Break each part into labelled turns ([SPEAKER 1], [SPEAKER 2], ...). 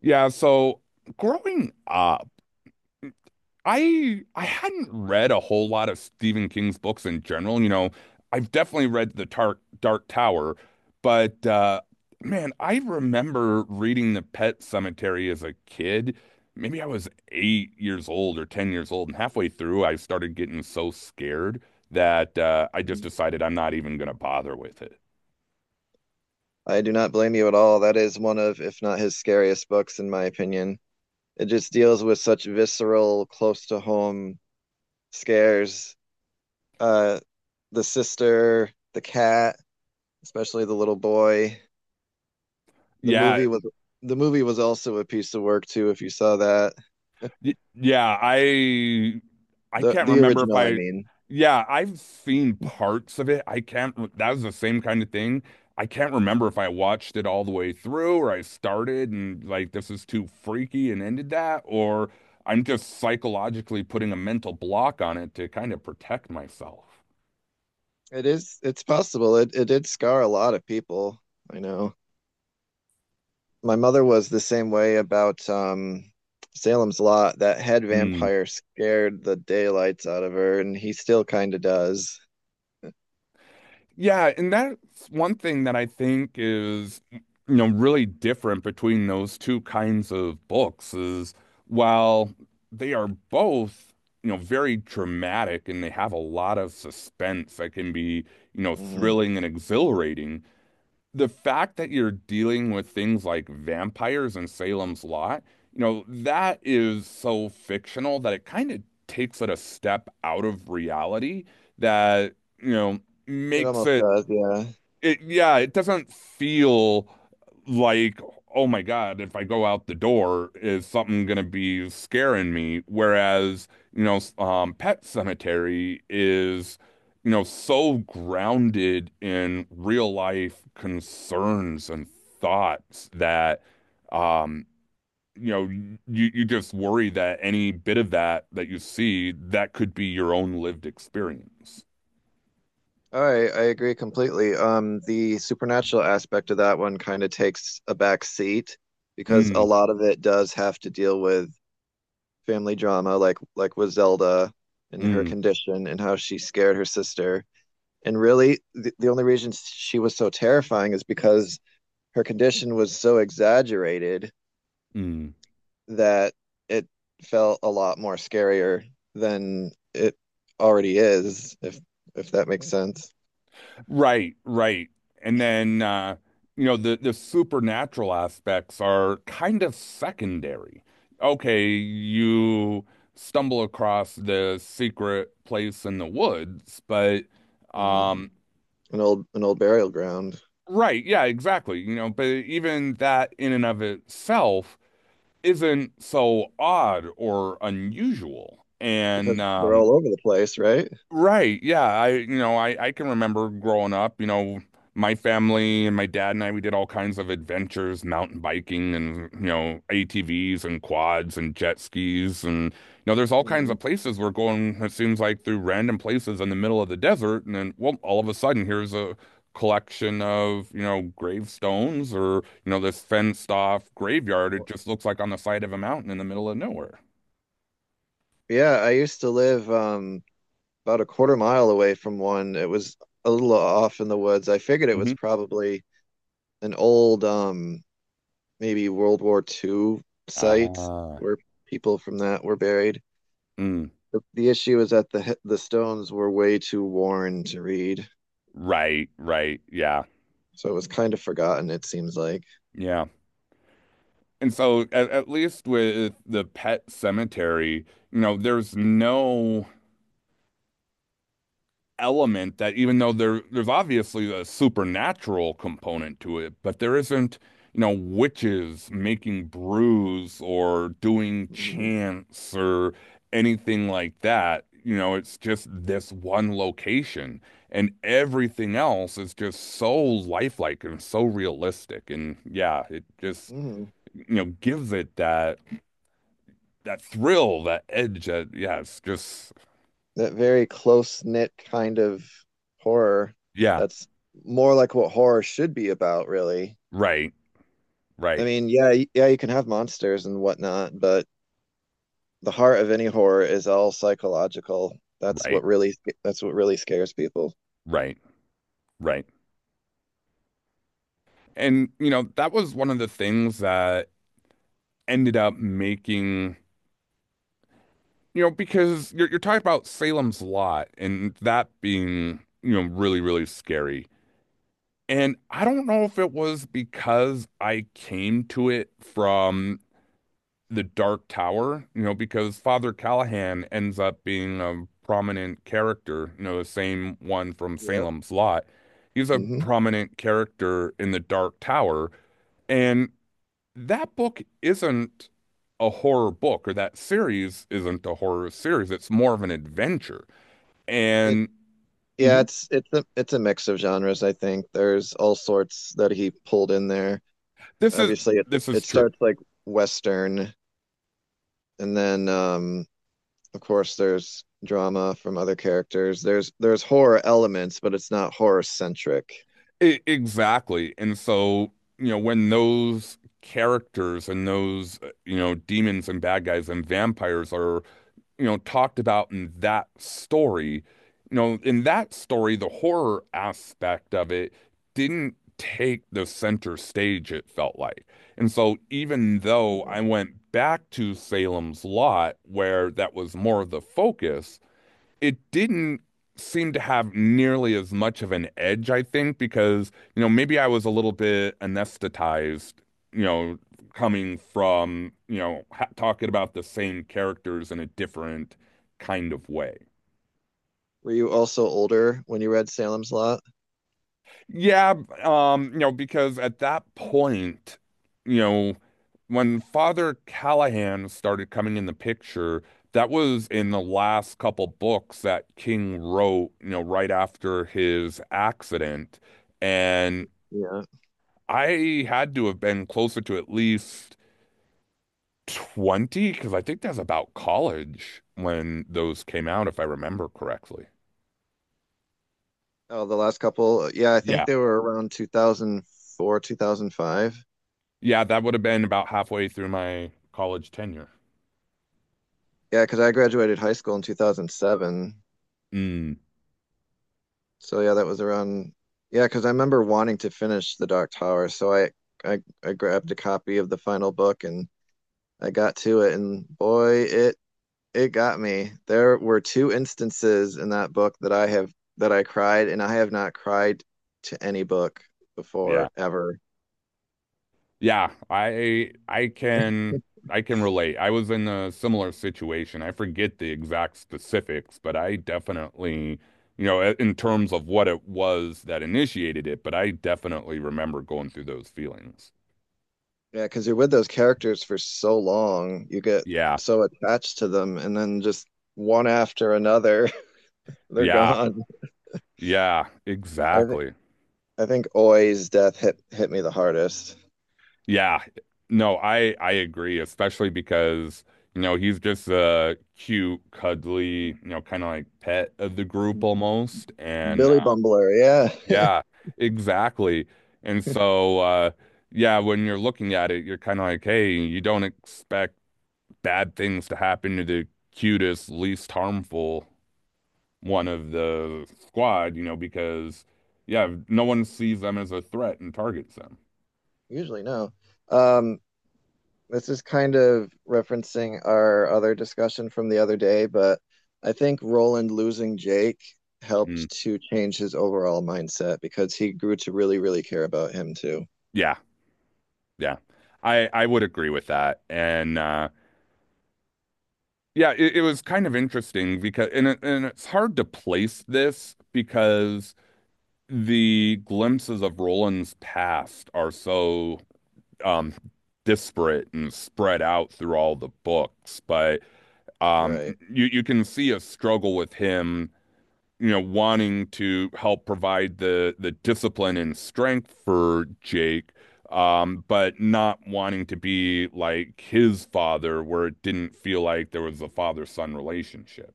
[SPEAKER 1] Yeah, so growing up, I hadn't read a whole lot of Stephen King's books in general. I've definitely read The Dark Tower, but man, I remember reading The Pet Cemetery as a kid. Maybe I was 8 years old or 10 years old, and halfway through I started getting so scared that I just decided I'm not even gonna bother with it.
[SPEAKER 2] I do not blame you at all. That is one of, if not his scariest books, in my opinion. It just deals with such visceral, close to home scares. Uh, the sister, the cat, especially the little boy. The
[SPEAKER 1] Yeah.
[SPEAKER 2] movie was the movie was also a piece of work too, if you saw that.
[SPEAKER 1] Yeah, I
[SPEAKER 2] The
[SPEAKER 1] can't
[SPEAKER 2] the
[SPEAKER 1] remember if
[SPEAKER 2] original, I
[SPEAKER 1] I,
[SPEAKER 2] mean.
[SPEAKER 1] yeah, I've seen parts of it. I can't. That was the same kind of thing. I can't remember if I watched it all the way through, or I started and like this is too freaky and ended that, or I'm just psychologically putting a mental block on it to kind of protect myself.
[SPEAKER 2] It is, it's possible. It did scar a lot of people. I know. My mother was the same way about Salem's Lot. That head
[SPEAKER 1] Hmm.
[SPEAKER 2] vampire scared the daylights out of her, and he still kind of does.
[SPEAKER 1] Yeah, and that's one thing that I think is, really different between those two kinds of books is while they are both, very dramatic and they have a lot of suspense that can be,
[SPEAKER 2] Mhm.
[SPEAKER 1] thrilling and exhilarating. The fact that you're dealing with things like vampires and Salem's Lot, that is so fictional that it kind of takes it a step out of reality that, you know,
[SPEAKER 2] It
[SPEAKER 1] makes
[SPEAKER 2] almost
[SPEAKER 1] it.
[SPEAKER 2] does, yeah.
[SPEAKER 1] It, yeah, it doesn't feel like oh my God, if I go out the door, is something gonna be scaring me? Whereas, Pet Cemetery is, so grounded in real life concerns and thoughts that, um, you just worry that any bit of that that you see that could be your own lived experience.
[SPEAKER 2] All right, I agree completely. The supernatural aspect of that one kind of takes a back seat because a
[SPEAKER 1] Mm,
[SPEAKER 2] lot of it does have to deal with family drama, like with Zelda and her
[SPEAKER 1] mm,
[SPEAKER 2] condition and how she scared her sister. And really, the only reason she was so terrifying is because her condition was so exaggerated
[SPEAKER 1] mm.
[SPEAKER 2] that it felt a lot more scarier than it already is, if that makes sense.
[SPEAKER 1] Right, right. And then the supernatural aspects are kind of secondary. Okay, you stumble across the secret place in the woods, but
[SPEAKER 2] Mm.
[SPEAKER 1] um
[SPEAKER 2] An old burial ground
[SPEAKER 1] right, yeah, exactly. But even that in and of itself isn't so odd or unusual. And
[SPEAKER 2] because they're
[SPEAKER 1] um
[SPEAKER 2] all over the place, right?
[SPEAKER 1] Right. Yeah. I, I can remember growing up, my family and my dad and I, we did all kinds of adventures, mountain biking and, ATVs and quads and jet skis. And, there's all kinds
[SPEAKER 2] Mm.
[SPEAKER 1] of places we're going, it seems like, through random places in the middle of the desert. And then, well, all of a sudden, here's a collection of, gravestones, or, this fenced off graveyard. It
[SPEAKER 2] Well,
[SPEAKER 1] just looks like on the side of a mountain in the middle of nowhere.
[SPEAKER 2] yeah, I used to live about a quarter mile away from one. It was a little off in the woods. I figured it
[SPEAKER 1] Mm-hmm.
[SPEAKER 2] was probably an old, maybe World War II site
[SPEAKER 1] Ah.
[SPEAKER 2] where people from that were buried.
[SPEAKER 1] Mm.
[SPEAKER 2] The issue is that the stones were way too worn to read,
[SPEAKER 1] Right, right. Yeah.
[SPEAKER 2] so it was kind of forgotten. It seems like.
[SPEAKER 1] Yeah. And so at least with the Pet Cemetery, there's no element that, even though there's obviously a supernatural component to it, but there isn't, witches making brews or doing
[SPEAKER 2] Mhm.
[SPEAKER 1] chants or anything like that. It's just this one location, and everything else is just so lifelike and so realistic. And yeah, it just
[SPEAKER 2] Mm.
[SPEAKER 1] gives it that that thrill, that edge. That, yeah, just
[SPEAKER 2] That very close knit kind of horror.
[SPEAKER 1] yeah,
[SPEAKER 2] That's more like what horror should be about, really.
[SPEAKER 1] right,
[SPEAKER 2] I
[SPEAKER 1] right,
[SPEAKER 2] mean, yeah, yeah, you can have monsters and whatnot, but the heart of any horror is all psychological.
[SPEAKER 1] right,
[SPEAKER 2] That's what really scares people.
[SPEAKER 1] right, right. And that was one of the things that ended up making, because you're talking about Salem's Lot and that being, really really scary. And I don't know if it was because I came to it from the Dark Tower, because Father Callahan ends up being a prominent character, the same one from
[SPEAKER 2] Yep.
[SPEAKER 1] Salem's Lot. He's a
[SPEAKER 2] Hmm.
[SPEAKER 1] prominent character in the Dark Tower. And that book isn't a horror book, or that series isn't a horror series. It's more of an adventure.
[SPEAKER 2] It
[SPEAKER 1] And
[SPEAKER 2] Yeah,
[SPEAKER 1] mhm,
[SPEAKER 2] it's it's a mix of genres, I think. There's all sorts that he pulled in there.
[SPEAKER 1] this is
[SPEAKER 2] Obviously
[SPEAKER 1] this is
[SPEAKER 2] it
[SPEAKER 1] true.
[SPEAKER 2] starts like Western, and then of course there's drama from other characters. There's horror elements, but it's not horror centric.
[SPEAKER 1] Exactly. And so, when those characters and those, demons and bad guys and vampires are, talked about in that story, in that story, the horror aspect of it didn't take the center stage, it felt like. And so, even though
[SPEAKER 2] Yeah.
[SPEAKER 1] I went back to Salem's Lot, where that was more of the focus, it didn't seem to have nearly as much of an edge, I think, because, maybe I was a little bit anesthetized, you know, coming from, ha talking about the same characters in a different kind of way.
[SPEAKER 2] Were you also older when you read Salem's Lot?
[SPEAKER 1] Yeah, because at that point, you know, when Father Callahan started coming in the picture, that was in the last couple books that King wrote, right after his accident. And
[SPEAKER 2] Yeah.
[SPEAKER 1] I had to have been closer to at least 20, because I think that's about college when those came out, if I remember correctly.
[SPEAKER 2] Oh, the last couple, yeah, I think
[SPEAKER 1] Yeah.
[SPEAKER 2] they were around 2004, 2005.
[SPEAKER 1] Yeah, that would have been about halfway through my college tenure.
[SPEAKER 2] Yeah, because I graduated high school in 2007.
[SPEAKER 1] Mm,
[SPEAKER 2] So yeah, that was around, yeah, because I remember wanting to finish The Dark Tower, so I grabbed a copy of the final book and I got to it, and boy, it got me. There were two instances in that book that I have that I cried, and I have not cried to any book
[SPEAKER 1] yeah.
[SPEAKER 2] before ever.
[SPEAKER 1] Yeah, I can relate. I was in a similar situation. I forget the exact specifics, but I definitely, in terms of what it was that initiated it, but I definitely remember going through those feelings.
[SPEAKER 2] Yeah, because you're with those characters for so long, you get
[SPEAKER 1] Yeah.
[SPEAKER 2] so attached to them, and then just one after another, they're
[SPEAKER 1] Yeah.
[SPEAKER 2] gone.
[SPEAKER 1] Yeah,
[SPEAKER 2] I think
[SPEAKER 1] exactly.
[SPEAKER 2] I think Oi's death hit me the hardest.
[SPEAKER 1] Yeah. No, I agree, especially because, he's just a cute, cuddly, kind of like pet of the group almost. And
[SPEAKER 2] Billy Bumbler, yeah.
[SPEAKER 1] yeah, exactly. And so, yeah, when you're looking at it, you're kind of like, hey, you don't expect bad things to happen to the cutest, least harmful one of the squad, because, yeah, no one sees them as a threat and targets them.
[SPEAKER 2] Usually no. Um, this is kind of referencing our other discussion from the other day, but I think Roland losing Jake
[SPEAKER 1] Mm,
[SPEAKER 2] helped to change his overall mindset because he grew to really, really care about him too.
[SPEAKER 1] yeah, yeah. I would agree with that. And, yeah, it was kind of interesting because, and it's hard to place this, because the glimpses of Roland's past are so um disparate and spread out through all the books, but um
[SPEAKER 2] Right.
[SPEAKER 1] you can see a struggle with him, wanting to help provide the discipline and strength for Jake. But not wanting to be like his father, where it didn't feel like there was a father-son relationship.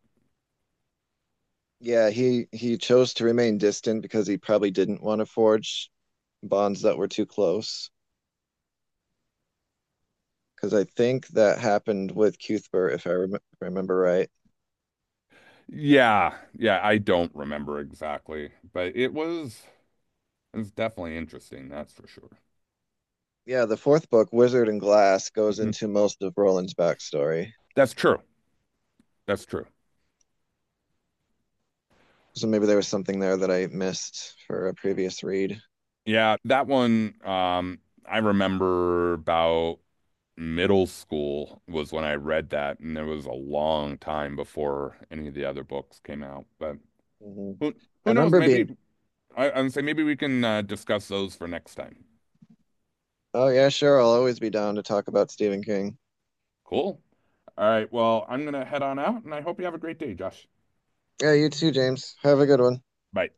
[SPEAKER 2] Yeah, he chose to remain distant because he probably didn't want to forge bonds that were too close. Because I think that happened with Cuthbert, if I rem remember right.
[SPEAKER 1] Yeah, yeah, I don't remember exactly, but it was. It's definitely interesting, that's for sure.
[SPEAKER 2] Yeah, the fourth book, Wizard and Glass, goes
[SPEAKER 1] Hmm.
[SPEAKER 2] into most of Roland's backstory.
[SPEAKER 1] That's true. That's true.
[SPEAKER 2] So maybe there was something there that I missed for a previous read.
[SPEAKER 1] Yeah, that one, I remember about middle school was when I read that, and it was a long time before any of the other books came out. But
[SPEAKER 2] Hmm.
[SPEAKER 1] who
[SPEAKER 2] I
[SPEAKER 1] who knows?
[SPEAKER 2] remember being,
[SPEAKER 1] Maybe, I'm say maybe we can discuss those for next time.
[SPEAKER 2] oh yeah, sure, I'll always be down to talk about Stephen King.
[SPEAKER 1] Cool. All right. Well, I'm gonna head on out, and I hope you have a great day, Josh.
[SPEAKER 2] Yeah, you too, James. Have a good one.
[SPEAKER 1] Bye.